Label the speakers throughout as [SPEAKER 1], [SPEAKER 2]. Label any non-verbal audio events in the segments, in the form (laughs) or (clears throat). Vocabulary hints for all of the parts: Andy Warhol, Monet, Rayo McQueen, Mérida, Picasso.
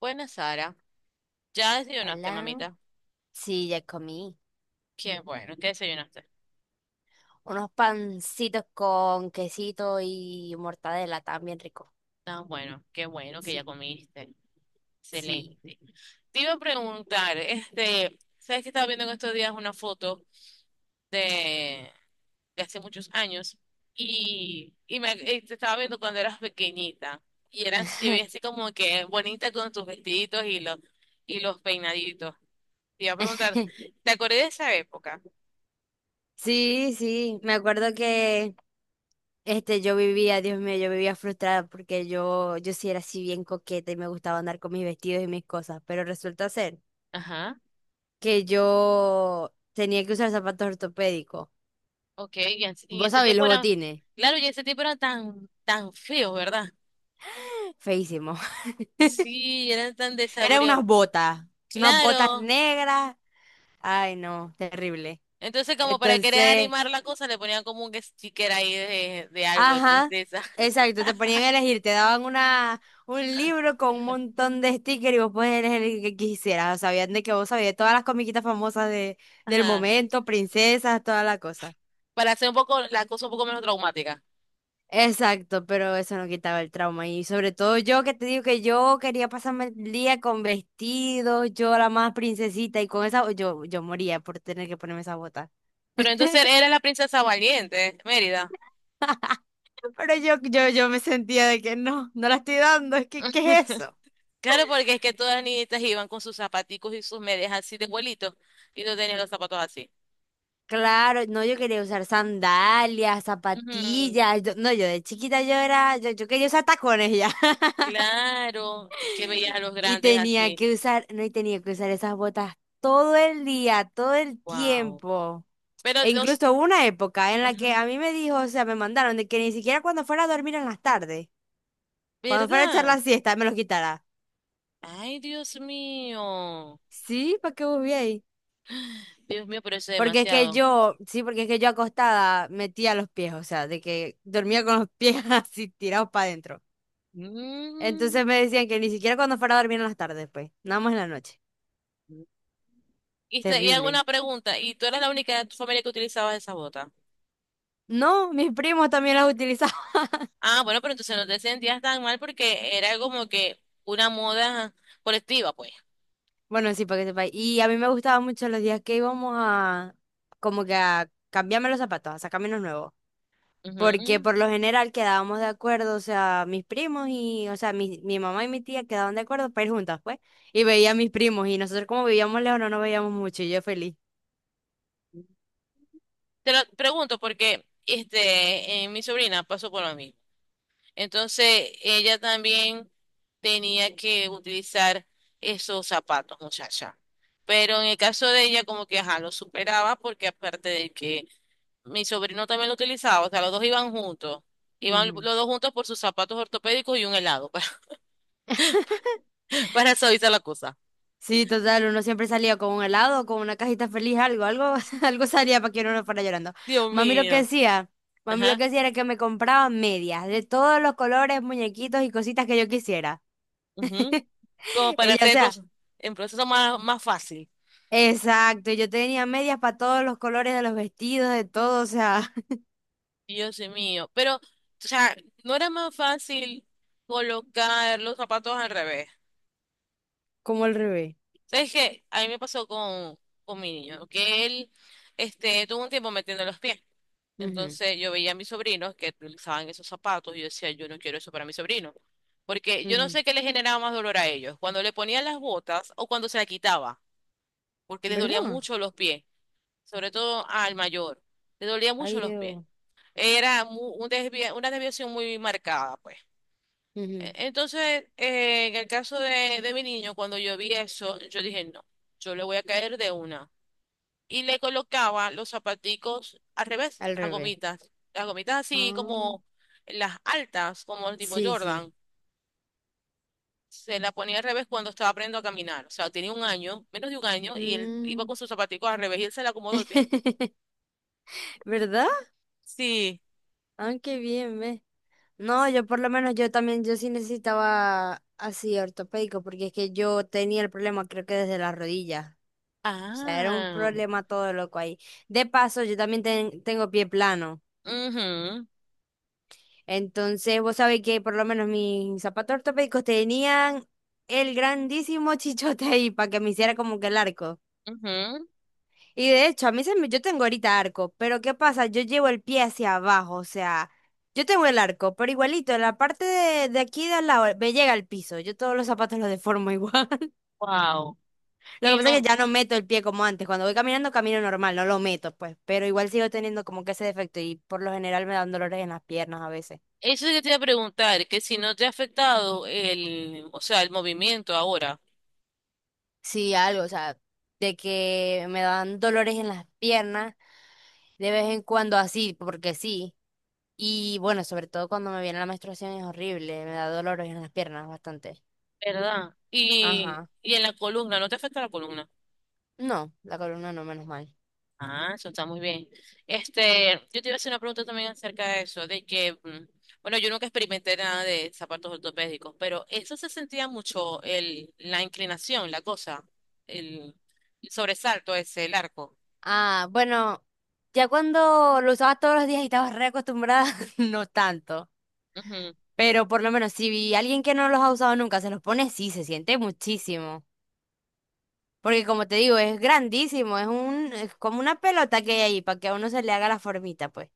[SPEAKER 1] Buenas, Sara. ¿Ya desayunaste,
[SPEAKER 2] Hola.
[SPEAKER 1] mamita?
[SPEAKER 2] Sí, ya comí.
[SPEAKER 1] Qué bueno, ¿qué desayunaste?
[SPEAKER 2] Unos pancitos con quesito y mortadela, estaban bien rico.
[SPEAKER 1] Tan bueno, qué bueno que ya
[SPEAKER 2] Sí,
[SPEAKER 1] comiste.
[SPEAKER 2] sí.
[SPEAKER 1] Excelente. Te iba a preguntar, ¿sabes que estaba viendo en estos días una foto de, de hace muchos años? Y te estaba viendo cuando eras pequeñita. Y eras Te veías así como que bonita con tus vestiditos y y los peinaditos. Te iba a preguntar,
[SPEAKER 2] (laughs)
[SPEAKER 1] ¿te acordé de esa época?
[SPEAKER 2] Sí, sí. Me acuerdo que yo vivía, Dios mío, yo vivía frustrada porque yo sí era así bien coqueta y me gustaba andar con mis vestidos y mis cosas. Pero resulta ser
[SPEAKER 1] Ajá.
[SPEAKER 2] que yo tenía que usar zapatos ortopédicos.
[SPEAKER 1] Ok, y en
[SPEAKER 2] ¿Vos
[SPEAKER 1] ese
[SPEAKER 2] sabés
[SPEAKER 1] tiempo
[SPEAKER 2] los
[SPEAKER 1] eran,
[SPEAKER 2] botines?
[SPEAKER 1] claro, y en ese tiempo eran tan feos, ¿verdad?
[SPEAKER 2] Feísimo. (laughs)
[SPEAKER 1] Sí, eran tan
[SPEAKER 2] Eran
[SPEAKER 1] desabridos.
[SPEAKER 2] unas botas. Unas botas
[SPEAKER 1] Claro.
[SPEAKER 2] negras. Ay, no, terrible.
[SPEAKER 1] Entonces, como para querer
[SPEAKER 2] Entonces,
[SPEAKER 1] animar la cosa, le ponían como un sticker ahí de algo, de
[SPEAKER 2] ajá,
[SPEAKER 1] princesa.
[SPEAKER 2] exacto, te ponían a
[SPEAKER 1] (laughs)
[SPEAKER 2] elegir, te daban un libro con un montón de stickers y vos podías elegir el que quisieras. Sabían de que vos sabías todas las comiquitas famosas del
[SPEAKER 1] Ajá.
[SPEAKER 2] momento, princesas, toda la cosa.
[SPEAKER 1] Para hacer un poco la cosa un poco menos traumática.
[SPEAKER 2] Exacto, pero eso no quitaba el trauma. Y sobre todo yo que te digo que yo quería pasarme el día con vestidos, yo la más princesita y con esa, yo moría por tener que ponerme esa bota.
[SPEAKER 1] Pero
[SPEAKER 2] (laughs)
[SPEAKER 1] entonces era la princesa valiente, Mérida.
[SPEAKER 2] Pero yo me sentía de que no, no la estoy dando, es que, ¿qué
[SPEAKER 1] (laughs)
[SPEAKER 2] es eso?
[SPEAKER 1] Claro, porque es que todas las niñitas iban con sus zapaticos y sus medias así de vuelito y no tenían los zapatos así.
[SPEAKER 2] Claro, no, yo quería usar sandalias,
[SPEAKER 1] Ujú.
[SPEAKER 2] zapatillas. Yo- no, yo de chiquita yo quería usar tacones ya. (laughs)
[SPEAKER 1] Claro, es que veías a los
[SPEAKER 2] Y
[SPEAKER 1] grandes
[SPEAKER 2] tenía
[SPEAKER 1] así.
[SPEAKER 2] que usar, no, y tenía que usar esas botas todo el día, todo el
[SPEAKER 1] Wow.
[SPEAKER 2] tiempo.
[SPEAKER 1] Pero
[SPEAKER 2] E
[SPEAKER 1] los,
[SPEAKER 2] incluso hubo una época en la que
[SPEAKER 1] ujú,
[SPEAKER 2] a mí me dijo, o sea, me mandaron de que ni siquiera cuando fuera a dormir en las tardes, cuando fuera a echar
[SPEAKER 1] ¿verdad?
[SPEAKER 2] la siesta, me los quitara.
[SPEAKER 1] Ay, Dios mío.
[SPEAKER 2] Sí, ¿para qué vos ahí?
[SPEAKER 1] Dios mío, pero eso es
[SPEAKER 2] Porque es que
[SPEAKER 1] demasiado.
[SPEAKER 2] yo, sí, porque es que yo acostada metía los pies, o sea, de que dormía con los pies (laughs) así tirados para adentro.
[SPEAKER 1] Mm.
[SPEAKER 2] Entonces me decían que ni siquiera cuando fuera a dormir en las tardes, pues, nada más en la noche.
[SPEAKER 1] Y hago
[SPEAKER 2] Terrible.
[SPEAKER 1] una pregunta. ¿Y tú eras la única de tu familia que utilizaba esa bota?
[SPEAKER 2] No, mis primos también las utilizaban. (laughs)
[SPEAKER 1] Ah, bueno, pero entonces no te sentías tan mal porque era como que una moda colectiva, pues.
[SPEAKER 2] Bueno, sí, para que sepáis. Y a mí me gustaban mucho los días que como que a cambiarme los zapatos, a sacarme los nuevos. Porque
[SPEAKER 1] Ujú.
[SPEAKER 2] por lo general quedábamos de acuerdo, o sea, mis primos y, o sea, mi mamá y mi tía quedaban de acuerdo para ir juntas, pues. Y veía a mis primos y nosotros como vivíamos lejos no nos veíamos mucho y yo feliz.
[SPEAKER 1] Te lo pregunto porque mi sobrina pasó por lo mismo. Entonces ella también tenía que utilizar esos zapatos, muchacha. Pero en el caso de ella, como que ajá, lo superaba porque aparte de que mi sobrino también lo utilizaba, o sea, los dos iban juntos. Iban los
[SPEAKER 2] Ujú.
[SPEAKER 1] dos juntos por sus zapatos ortopédicos y un helado (laughs) para suavizar la cosa.
[SPEAKER 2] Sí, total, uno siempre salía con un helado, con una cajita feliz, algo, algo, (laughs) algo salía para que uno no fuera llorando.
[SPEAKER 1] Dios
[SPEAKER 2] Mami lo que
[SPEAKER 1] mío.
[SPEAKER 2] decía, mami lo
[SPEAKER 1] Ajá.
[SPEAKER 2] que decía era que me compraba medias de todos los colores, muñequitos y cositas que yo quisiera.
[SPEAKER 1] Ujú.
[SPEAKER 2] (laughs)
[SPEAKER 1] Como para
[SPEAKER 2] Ella, o
[SPEAKER 1] hacer
[SPEAKER 2] sea,
[SPEAKER 1] proce- El proceso más fácil.
[SPEAKER 2] exacto, yo tenía medias para todos los colores de los vestidos, de todo, o sea, (laughs)
[SPEAKER 1] Dios mío. Pero, o sea, no era más fácil colocar los zapatos al revés.
[SPEAKER 2] como al revés.
[SPEAKER 1] ¿Sabes qué? A mí me pasó con mi niño, que él tuvo un tiempo metiendo los pies.
[SPEAKER 2] Ujú,
[SPEAKER 1] Entonces yo veía a mis sobrinos que utilizaban esos zapatos y yo decía, yo no quiero eso para mi sobrino. Porque yo no
[SPEAKER 2] ujú.
[SPEAKER 1] sé qué le generaba más dolor a ellos, cuando le ponían las botas o cuando se la quitaba, porque les dolía
[SPEAKER 2] ¿Verdad?
[SPEAKER 1] mucho los pies, sobre todo al mayor, le dolía mucho
[SPEAKER 2] Ay,
[SPEAKER 1] los pies.
[SPEAKER 2] Dios.
[SPEAKER 1] Era una desviación muy marcada, pues.
[SPEAKER 2] Ujú,
[SPEAKER 1] Entonces, en el caso de mi niño, cuando yo vi eso, yo dije, no, yo le voy a caer de una y le colocaba los zapaticos al revés,
[SPEAKER 2] al
[SPEAKER 1] las
[SPEAKER 2] revés.
[SPEAKER 1] gomitas. Las gomitas así
[SPEAKER 2] Ah,
[SPEAKER 1] como las altas, como el tipo
[SPEAKER 2] sí, sí.
[SPEAKER 1] Jordan. Se la ponía al revés cuando estaba aprendiendo a caminar. O sea, tenía un año, menos de un año, y él iba
[SPEAKER 2] Mm.
[SPEAKER 1] con sus zapaticos al revés y él se le acomodó el pie.
[SPEAKER 2] (laughs) ¿Verdad?
[SPEAKER 1] Sí.
[SPEAKER 2] Ah, qué bien, ¿ves? No, yo por lo menos yo también, yo sí necesitaba así ortopédico, porque es que yo tenía el problema creo que desde las rodillas. O sea, era un
[SPEAKER 1] Ah.
[SPEAKER 2] problema todo loco ahí. De paso, yo también tengo pie plano.
[SPEAKER 1] Mhm.
[SPEAKER 2] Entonces, vos sabés que por lo menos mis zapatos ortopédicos tenían el grandísimo (laughs) chichote ahí para que me hiciera como que el arco. Y de hecho, a mí se me, yo tengo ahorita arco, pero ¿qué pasa? Yo llevo el pie hacia abajo, o sea, yo tengo el arco, pero igualito, en la parte de aquí de al lado me llega al piso. Yo todos los zapatos los deformo igual. (laughs)
[SPEAKER 1] Wow.
[SPEAKER 2] Lo que
[SPEAKER 1] Y
[SPEAKER 2] pasa es que
[SPEAKER 1] no,
[SPEAKER 2] ya no meto el pie como antes. Cuando voy caminando, camino normal, no lo meto, pues. Pero igual sigo teniendo como que ese defecto y por lo general me dan dolores en las piernas a veces.
[SPEAKER 1] eso es lo que te iba a preguntar, que si no te ha afectado el, o sea, el movimiento ahora,
[SPEAKER 2] Sí, algo, o sea, de que me dan dolores en las piernas de vez en cuando así, porque sí. Y bueno, sobre todo cuando me viene la menstruación es horrible, me da dolores en las piernas bastante.
[SPEAKER 1] ¿verdad? Y,
[SPEAKER 2] Ajá.
[SPEAKER 1] y en la columna, ¿no te afecta la columna?
[SPEAKER 2] No, la columna no, menos mal.
[SPEAKER 1] Ah, eso está muy bien. Yo te iba a hacer una pregunta también acerca de eso, de que, bueno, yo nunca experimenté nada de zapatos ortopédicos, pero eso se sentía mucho el, la inclinación, la cosa, el, el sobresalto ese, el arco.
[SPEAKER 2] Ah, bueno, ya cuando lo usabas todos los días y estabas reacostumbrada, (laughs) no tanto.
[SPEAKER 1] Ujú.
[SPEAKER 2] Pero por lo menos si alguien que no los ha usado nunca se los pone, sí, se siente muchísimo. Porque como te digo, es grandísimo, es como una pelota que hay ahí para que a uno se le haga la formita, pues.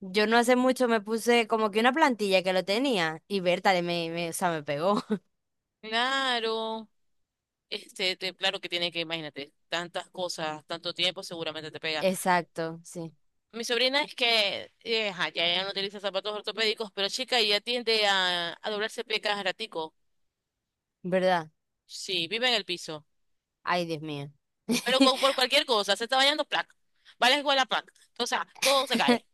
[SPEAKER 2] Yo no hace mucho me puse como que una plantilla que lo tenía y Berta o sea, me pegó.
[SPEAKER 1] Claro, claro que tiene que, imagínate, tantas cosas, tanto tiempo, seguramente te
[SPEAKER 2] (laughs)
[SPEAKER 1] pega.
[SPEAKER 2] Exacto, sí.
[SPEAKER 1] Mi sobrina es que, ajá, ya ella no utiliza zapatos ortopédicos, pero chica, ella tiende a doblarse pie cada ratico.
[SPEAKER 2] ¿Verdad?
[SPEAKER 1] Sí, vive en el piso.
[SPEAKER 2] Ay, Dios mío.
[SPEAKER 1] Por
[SPEAKER 2] (laughs)
[SPEAKER 1] cualquier cosa, se está bañando, placa. Va a la escuela, placa. O sea, todo se cae.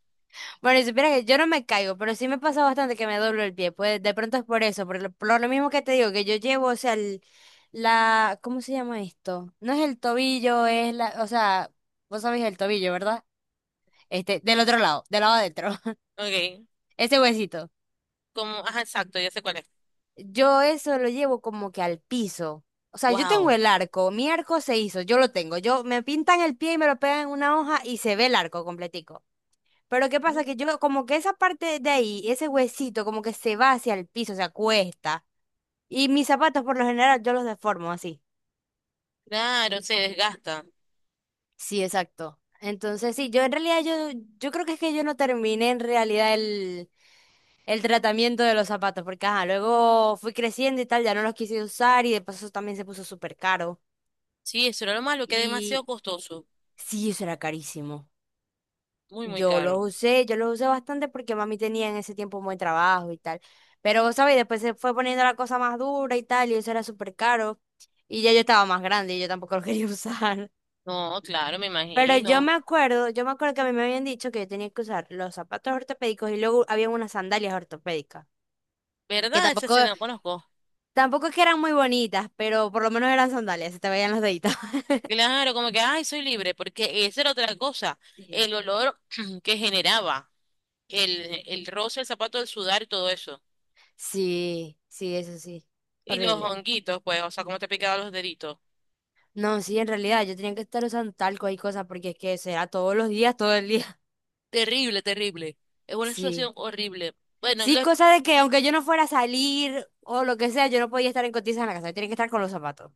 [SPEAKER 2] Bueno, y supieras que yo no me caigo, pero sí me pasa bastante que me doblo el pie. Pues de pronto es por eso, por lo mismo que te digo, que yo llevo, o sea, la, ¿cómo se llama esto? No es el tobillo, es la, o sea, vos sabés el tobillo, ¿verdad? Este, del otro lado, del lado adentro, (laughs)
[SPEAKER 1] Ok.
[SPEAKER 2] ese huesito.
[SPEAKER 1] Como, ajá, exacto, ya sé cuál es.
[SPEAKER 2] Yo eso lo llevo como que al piso. O sea, yo tengo
[SPEAKER 1] Wow.
[SPEAKER 2] el arco, mi arco se hizo, yo lo tengo. Yo me pintan el pie y me lo pegan en una hoja y se ve el arco completico. Pero ¿qué pasa? Que yo, como que esa parte de ahí, ese huesito, como que se va hacia el piso, se acuesta. Y mis zapatos, por lo general, yo los deformo así.
[SPEAKER 1] Claro, se desgasta.
[SPEAKER 2] Sí, exacto. Entonces, sí, yo en realidad, yo creo que es que yo no terminé en realidad el tratamiento de los zapatos, porque ajá, luego fui creciendo y tal, ya no los quise usar y de paso también se puso súper caro.
[SPEAKER 1] Sí, eso era lo malo, que es demasiado
[SPEAKER 2] Y
[SPEAKER 1] costoso.
[SPEAKER 2] sí, eso era carísimo.
[SPEAKER 1] Muy, muy caro.
[SPEAKER 2] Yo los usé bastante porque mami tenía en ese tiempo un buen trabajo y tal. Pero, vos ¿sabes? Después se fue poniendo la cosa más dura y tal, y eso era súper caro. Y ya yo estaba más grande y yo tampoco lo quería (laughs) usar.
[SPEAKER 1] No, claro, me
[SPEAKER 2] Pero
[SPEAKER 1] imagino.
[SPEAKER 2] yo me acuerdo que a mí me habían dicho que yo tenía que usar los zapatos ortopédicos y luego habían unas sandalias ortopédicas. Que
[SPEAKER 1] ¿Verdad? Esa sí no la conozco.
[SPEAKER 2] tampoco es que eran muy bonitas, pero por lo menos eran sandalias, se te veían los deditos. (laughs)
[SPEAKER 1] Claro, como que, ay, soy libre, porque esa era otra cosa.
[SPEAKER 2] Sí.
[SPEAKER 1] El olor (clears throat) que generaba, el roce, el zapato, el sudar y todo eso.
[SPEAKER 2] Sí, sí, eso sí.
[SPEAKER 1] Y los
[SPEAKER 2] Horrible.
[SPEAKER 1] honguitos, pues, o sea, cómo te picaban los deditos.
[SPEAKER 2] No, sí, en realidad yo tenía que estar usando talco y cosas porque es que será todos los días, todo el día. (laughs)
[SPEAKER 1] Terrible, terrible. Es una situación
[SPEAKER 2] Sí.
[SPEAKER 1] horrible. Bueno, lo,
[SPEAKER 2] Sí,
[SPEAKER 1] esp-
[SPEAKER 2] cosa de que aunque yo no fuera a salir o lo que sea, yo no podía estar en cotizas en la casa, yo tenía que estar con los zapatos.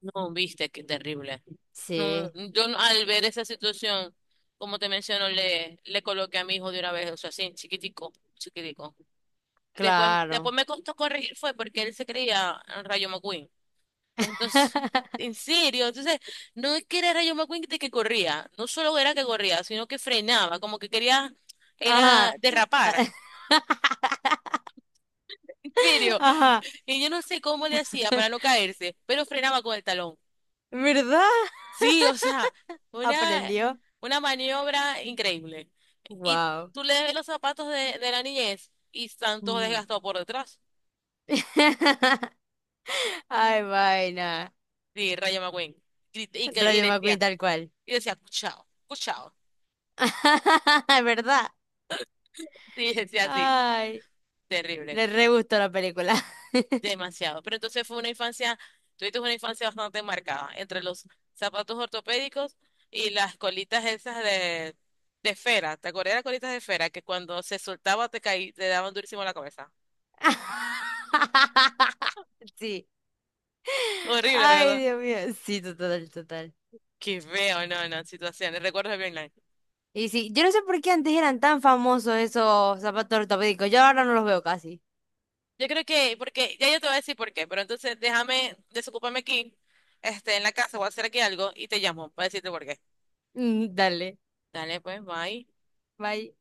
[SPEAKER 1] no, viste, qué terrible. No,
[SPEAKER 2] Sí,
[SPEAKER 1] yo no- Al ver esa situación, como te menciono, le coloqué a mi hijo de una vez, o sea, así, chiquitico, chiquitico. Después,
[SPEAKER 2] claro.
[SPEAKER 1] después me costó corregir fue porque él se creía Rayo McQueen. Entonces, (laughs)
[SPEAKER 2] (laughs)
[SPEAKER 1] en serio, entonces, no es que era Rayo McQueen de que corría, no solo era que corría, sino que frenaba, como que quería,
[SPEAKER 2] Ajá.
[SPEAKER 1] era derrapar.
[SPEAKER 2] (laughs)
[SPEAKER 1] En serio.
[SPEAKER 2] Ajá.
[SPEAKER 1] Y yo no sé cómo le hacía para no caerse, pero frenaba con el talón.
[SPEAKER 2] ¿Verdad?
[SPEAKER 1] Sí, o sea, una,
[SPEAKER 2] Aprendió.
[SPEAKER 1] una maniobra increíble. Y
[SPEAKER 2] Wow.
[SPEAKER 1] tú le ves los zapatos de la niñez y están todos desgastados por detrás.
[SPEAKER 2] (laughs) Ay, vaina.
[SPEAKER 1] Sí, Rayo McQueen. Y
[SPEAKER 2] Rayo McQueen
[SPEAKER 1] decía,
[SPEAKER 2] tal cual.
[SPEAKER 1] y decía, cuchao, cuchao.
[SPEAKER 2] (laughs) ¿Verdad?
[SPEAKER 1] (laughs) Sí, decía así.
[SPEAKER 2] Ay.
[SPEAKER 1] Terrible.
[SPEAKER 2] Le re gustó la película.
[SPEAKER 1] Demasiado. Pero entonces fue una infancia, tuviste una infancia bastante marcada entre los zapatos ortopédicos y las colitas esas de esfera. ¿Te acuerdas de las colitas de esfera que cuando se soltaba te caí, te daban durísimo en la cabeza?
[SPEAKER 2] (laughs) Sí.
[SPEAKER 1] Horrible,
[SPEAKER 2] Ay,
[SPEAKER 1] ¿verdad?
[SPEAKER 2] Dios mío. Sí, total, total.
[SPEAKER 1] Qué feo, no, no, situaciones, recuerdos bien nice.
[SPEAKER 2] Y sí, yo no sé por qué antes eran tan famosos esos zapatos ortopédicos. Yo ahora no los veo casi. (laughs)
[SPEAKER 1] Yo creo que, porque, ya yo te voy a decir por qué, pero entonces déjame, desocúpame aquí, en la casa, voy a hacer aquí algo y te llamo para decirte por qué.
[SPEAKER 2] Mm, dale.
[SPEAKER 1] Dale, pues, bye.
[SPEAKER 2] Bye.